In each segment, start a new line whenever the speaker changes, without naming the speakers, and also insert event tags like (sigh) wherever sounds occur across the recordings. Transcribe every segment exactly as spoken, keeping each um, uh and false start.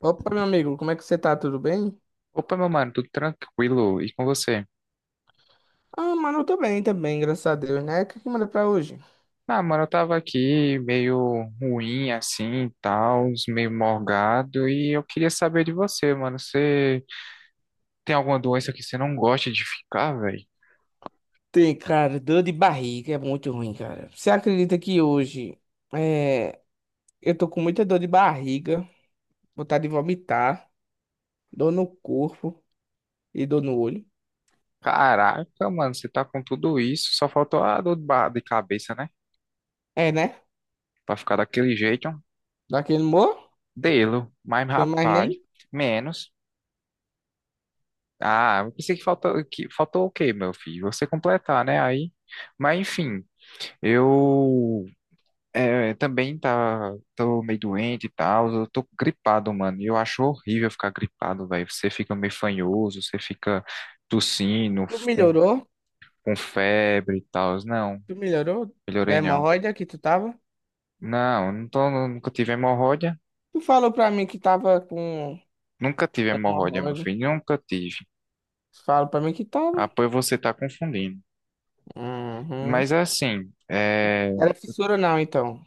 Opa, meu amigo, como é que você tá? Tudo bem?
Opa, meu mano, tudo tranquilo? E com você?
Ah, mano, eu tô bem também, graças a Deus, né? O que que manda pra hoje?
Ah, mano, eu tava aqui meio ruim assim, e tal, meio morgado, e eu queria saber de você, mano. Você tem alguma doença que você não gosta de ficar, velho?
Tem, cara, dor de barriga é muito ruim, cara. Você acredita que hoje é, eu tô com muita dor de barriga, vontade de vomitar, dor no corpo e dor no olho?
Caraca, mano, você tá com tudo isso, só faltou a dor de ba- de cabeça, né?
É, né?
Pra ficar daquele jeito, um
Daquele humor?
delo, mas
Sem mais
rapaz,
nem?
menos. Ah, eu pensei que faltou, que faltou o quê, meu filho? Você completar, né? Aí, mas enfim, eu. É, é, também tá, tô meio doente e tal, eu tô gripado, mano, e eu acho horrível ficar gripado, velho, você fica meio fanhoso, você fica tossindo,
Tu
f- com,
melhorou?
com febre e tal, não,
Tu melhorou da
melhorei não.
hemorroida que tu tava?
Não, não tô, nunca tive hemorroida,
Tu falou pra mim que tava com
nunca tive hemorroida, meu
hemorroida.
filho, nunca tive.
Tu falou pra mim que tava?
Ah, pois você tá confundindo.
Uhum.
Mas é assim, é...
Era fissura não, então.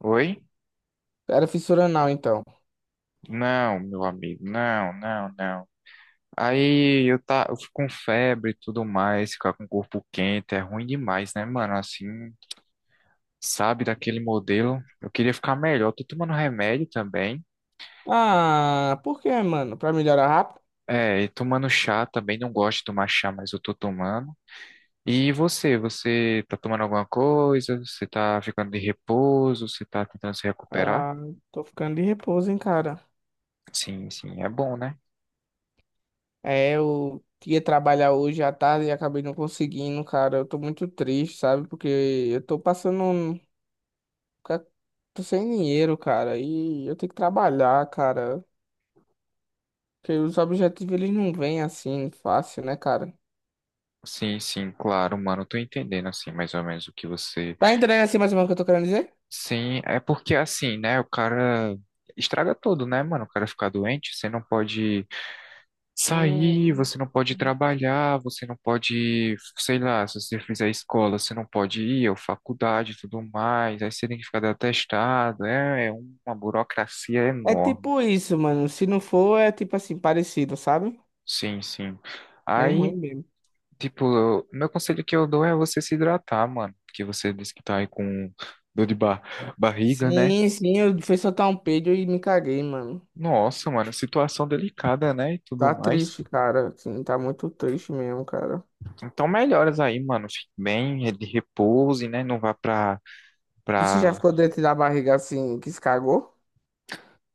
Oi?
Era fissura anal, então.
Não, meu amigo, não, não, não. Aí eu, tá, eu fico com febre e tudo mais, ficar com o corpo quente é ruim demais, né, mano? Assim, sabe, daquele modelo. Eu queria ficar melhor. Tô tomando remédio também.
Ah, por quê, mano? Pra melhorar rápido?
É, e tomando chá também. Não gosto de tomar chá, mas eu tô tomando. E você? Você tá tomando alguma coisa? Você tá ficando de repouso? Você tá tentando se recuperar?
Ah, tô ficando de repouso, hein, cara.
Sim, sim, é bom, né?
É, eu ia trabalhar hoje à tarde e acabei não conseguindo, cara. Eu tô muito triste, sabe? Porque eu tô passando. um- ca- Tô sem dinheiro, cara. E eu tenho que trabalhar, cara. Porque os objetivos, eles não vêm assim, fácil, né, cara?
Sim, sim, claro, mano. Eu Tô entendendo, assim, mais ou menos o que você.
Tá entendendo assim mais ou menos o que eu tô querendo dizer?
Sim, é porque assim, né? O cara estraga tudo, né, mano? O cara fica doente, você não pode sair,
Hum.
você não pode trabalhar, você não pode, sei lá, se você fizer escola, você não pode ir, ou faculdade e tudo mais, aí você tem que ficar dando atestado, é, é uma burocracia
É
enorme.
tipo isso, mano. Se não for, é tipo assim, parecido, sabe?
Sim, sim.
Bem
Aí,
ruim mesmo.
tipo, eu- meu conselho que eu dou é você se hidratar, mano, porque você disse que tá aí com dor de ba barriga, né?
Sim, sim, eu fui soltar um peido e me caguei, mano.
Nossa, mano, situação delicada, né? E tudo
Tá
mais.
triste, cara. Assim, tá muito triste mesmo, cara.
Então, melhoras aí, mano. Fique bem, de repouse, né? Não vá pra,
Você já
pra...
ficou dentro da barriga assim, que se cagou?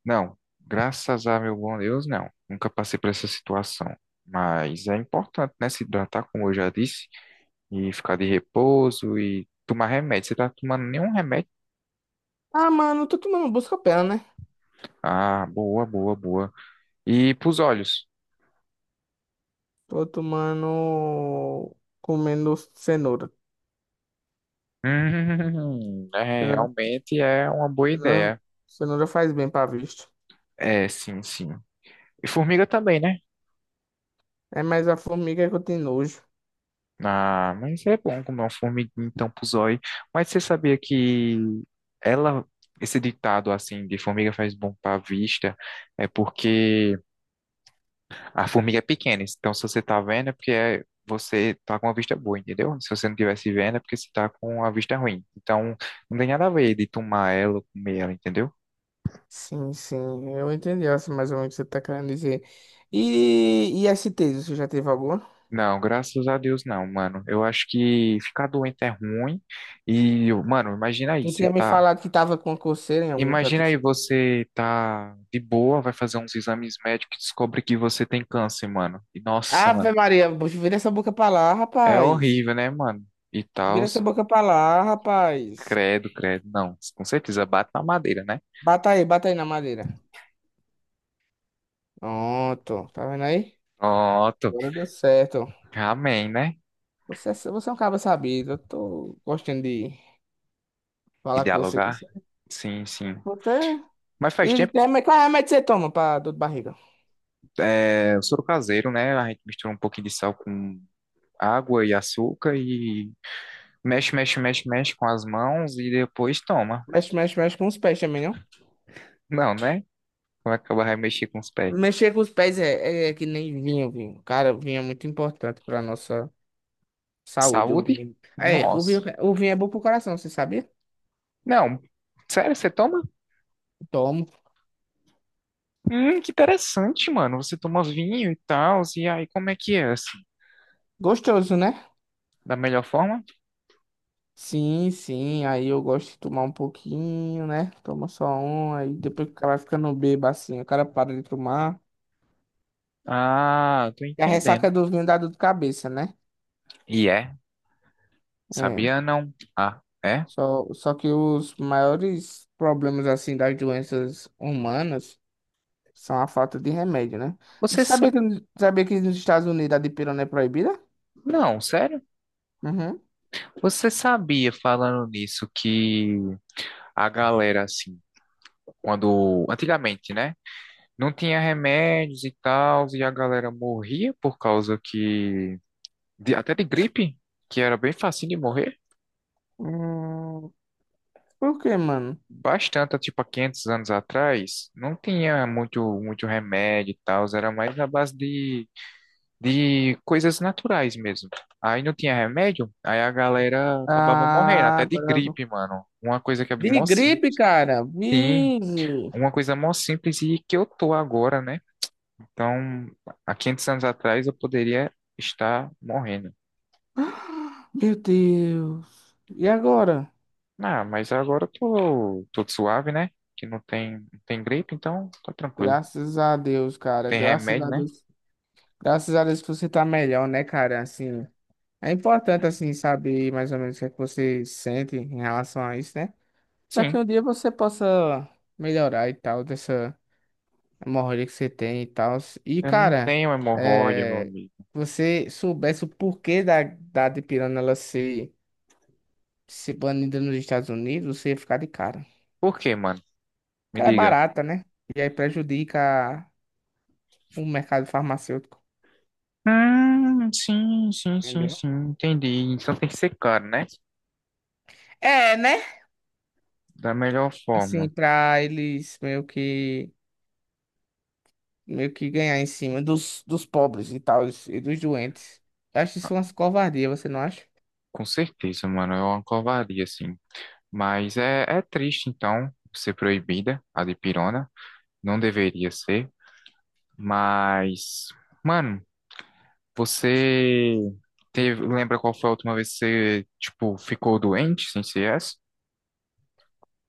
Não, graças a meu bom Deus, não. Nunca passei por essa situação. Mas é importante, né? Se hidratar, como eu já disse, e ficar de repouso e tomar remédio. Você tá tomando nenhum remédio?
Ah, mano, eu tô tomando busca-pé, né?
Ah, boa, boa, boa. E pros olhos? (laughs)
Tô tomando. Comendo cenoura.
Hum, é,
Cenoura,
realmente é uma boa
cenoura
ideia.
cenoura faz bem pra vista.
É, sim, sim. E formiga também, né?
É mais a formiga que eu tenho nojo.
Ah, mas é bom comer uma formiguinha então pro zóio. Mas você sabia que ela, esse ditado assim de formiga faz bom pra vista, é porque a formiga é pequena. Então se você tá vendo é porque é- você tá com a vista boa, entendeu? Se você não tivesse vendo é porque você tá com a vista ruim. Então não tem nada a ver de tomar ela ou comer ela, entendeu?
Sim, sim, eu entendi assim, mais ou menos o que você tá querendo dizer. E, e S t você já teve alguma?
Não, graças a Deus não, mano. Eu acho que ficar doente é ruim. E, mano, imagina aí,
Tu
você
tinha me
tá.
falado que tava com coceira em algum canto
Imagina aí
assim.
você tá de boa, vai fazer uns exames médicos e descobre que você tem câncer, mano. E nossa, mano,
Ave Maria, vira essa boca pra lá,
é
rapaz.
horrível, né, mano? E tal,
Vira essa boca pra lá, rapaz.
credo, credo. Não, com certeza bate na madeira, né?
Bata aí, bata aí na madeira. Pronto, tá vendo aí?
Pronto.
Agora deu certo.
Amém, né?
Você, é, você é um cara sabido, eu tô gostando de
E
falar com você.
dialogar?
Você...
Sim, sim.
você-
Mas faz
E
tempo,
tem reme- qual remédio você toma pra dor de barriga?
é, o soro caseiro, né? A gente mistura um pouquinho de sal com água e açúcar e mexe, mexe, mexe, mexe com as mãos e depois toma.
Mexe, mexe, mexe com os pés também, não?
Não, né? Vai acabar vai mexer com os pés.
Mexer com os pés é, é é que nem vinho, vinho. Cara, o vinho é muito importante pra nossa saúde, o
Saúde?
vinho. É, o
Nossa.
vinho, o vinho é bom pro coração, você sabia?
Não, sério, você toma?
Tomo.
Hum, que interessante, mano. Você toma vinho e tal, e aí como é que é, assim?
Gostoso, né?
Da melhor forma?
Sim, sim, aí eu gosto de tomar um pouquinho, né? Toma só um, aí depois que o cara vai ficando bêbado assim, o cara para de tomar.
Ah, tô
E a
entendendo.
ressaca do vinho dá dor de cabeça, né?
E é?
É.
Sabia não? Ah, é?
Só, só que os maiores problemas, assim, das doenças humanas são a falta de remédio, né?
Você
Sabia
sa...
que, sabia que nos Estados Unidos a dipirona é proibida?
Não, sério?
Uhum.
Você sabia, falando nisso, que a galera, assim, quando... Antigamente, né? Não tinha remédios e tal, e a galera morria por causa que... de- Até de gripe, que era bem facinho de morrer.
Hum, por quê, mano?
Bastante, tipo, há quinhentos anos atrás, não tinha muito, muito remédio e tal, era mais na base de, de coisas naturais mesmo. Aí não tinha remédio, aí a galera acabava morrendo,
Ah,
até de
agora...
gripe, mano. Uma coisa que é
De
mó
gripe,
simples.
cara.
Sim,
Vixe.
uma coisa mó simples e que eu tô agora, né? Então, há quinhentos anos atrás eu poderia estar morrendo.
Meu Deus. E agora?
Ah, mas agora eu tô, tô suave, né? Que não tem, não tem gripe, então tá tranquilo.
Graças a Deus, cara.
Tem
Graças
remédio,
a
né?
Deus. Graças a Deus que você tá melhor, né, cara? Assim, é importante, assim, saber mais ou menos o que é que você sente em relação a isso, né? Pra que
Sim.
um dia você possa melhorar e tal, dessa hemorroida que você tem e tal. E,
Eu não
cara,
tenho hemorroida, meu
é...
amigo.
você soubesse o porquê da, da dipirona ela ser, ser banida nos Estados Unidos, você ia ficar de cara.
Por quê, mano? Me
Cara, é
diga.
barata, né? E aí prejudica o mercado farmacêutico.
Hum, sim, sim, sim,
Entendeu?
sim. Entendi. Então tem que ser caro, né?
É, né?
Da melhor
Assim,
forma.
para eles meio que meio que ganhar em cima dos, dos pobres e tal, e dos doentes. Eu acho isso umas covardia, você não acha?
Com certeza, mano. É uma covardia, assim. Mas é, é triste, então, ser proibida a dipirona. Não deveria ser. Mas, mano, você teve, lembra qual foi a última vez que você, tipo, ficou doente sem C S?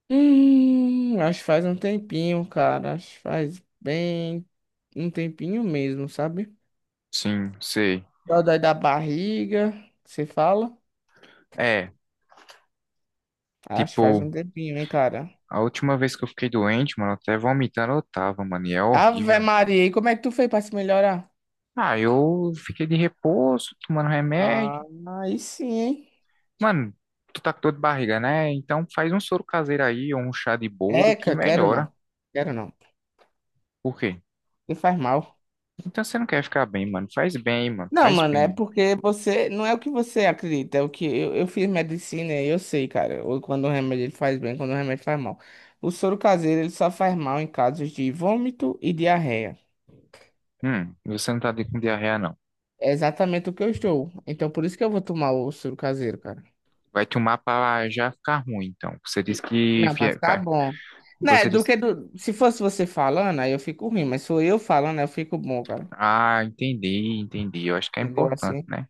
Hum, acho que faz um tempinho, cara. Acho que faz bem um tempinho mesmo, sabe?
Sim, sei.
Dói da barriga, você fala?
É,
Acho que faz
tipo.
um tempinho, hein, cara.
A última vez que eu fiquei doente, mano, até vomitando eu tava, mano, e é
Ave
horrível.
Maria, e como é que tu fez pra se melhorar?
Ah, eu fiquei de repouso, tomando
Ah,
remédio.
aí sim, hein?
Mano, tu tá com dor de barriga, né? Então faz um soro caseiro aí, ou um chá de boldo que
Eca, quero
melhora.
não. Quero não.
Por quê?
E faz mal.
Então você não quer ficar bem, mano. Faz bem, mano,
Não,
faz
mano, é
bem.
porque você. Não é o que você acredita, é o que. Eu, eu fiz medicina e eu sei, cara. Ou quando o remédio ele faz bem, quando o remédio faz mal. O soro caseiro ele só faz mal em casos de vômito e diarreia.
Hum, você não tá de- com diarreia, não.
É exatamente o que eu estou. Então por isso que eu vou tomar o soro caseiro, cara.
Vai tomar pra já ficar ruim, então. Você disse
E-
que...
Não, pra
fie-
ficar
vai-
bom. Né,
Você
do
disse...
que do... Se fosse você falando, aí eu fico ruim, mas sou eu falando, aí eu fico bom, cara.
Ah, entendi, entendi. Eu acho que é
Entendeu
importante,
assim?
né?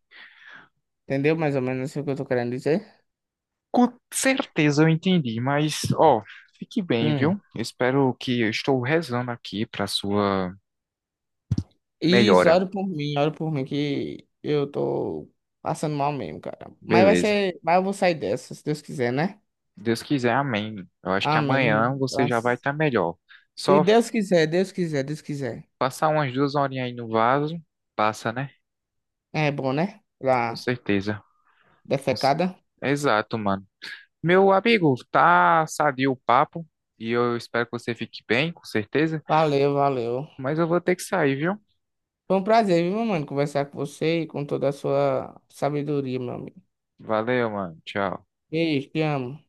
Entendeu mais ou menos o que eu tô querendo dizer?
Com certeza eu entendi, mas ó, fique bem, viu?
Hum.
Eu espero que eu estou rezando aqui para sua
Isso,
melhora.
ora por mim, ora por mim, que eu tô passando mal mesmo, cara. Mas vai
Beleza.
ser, mas eu vou sair dessa, se Deus quiser, né?
Deus quiser, amém. Eu acho que
Amém.
amanhã você já vai
Graças-
estar melhor.
Se
Só f-
Deus quiser, Deus quiser, Deus quiser.
Passar umas duas horinhas aí no vaso, passa, né?
É bom, né?
Com
Pra
certeza. Cons-
defecada.
Exato, mano. Meu amigo, tá sadio o papo e eu espero que você fique bem, com certeza.
Valeu, valeu.
Mas eu vou ter que sair, viu?
Foi um prazer, viu, mano, conversar com você e com toda a sua sabedoria, meu amigo.
Valeu, mano. Tchau.
Beijo, te amo.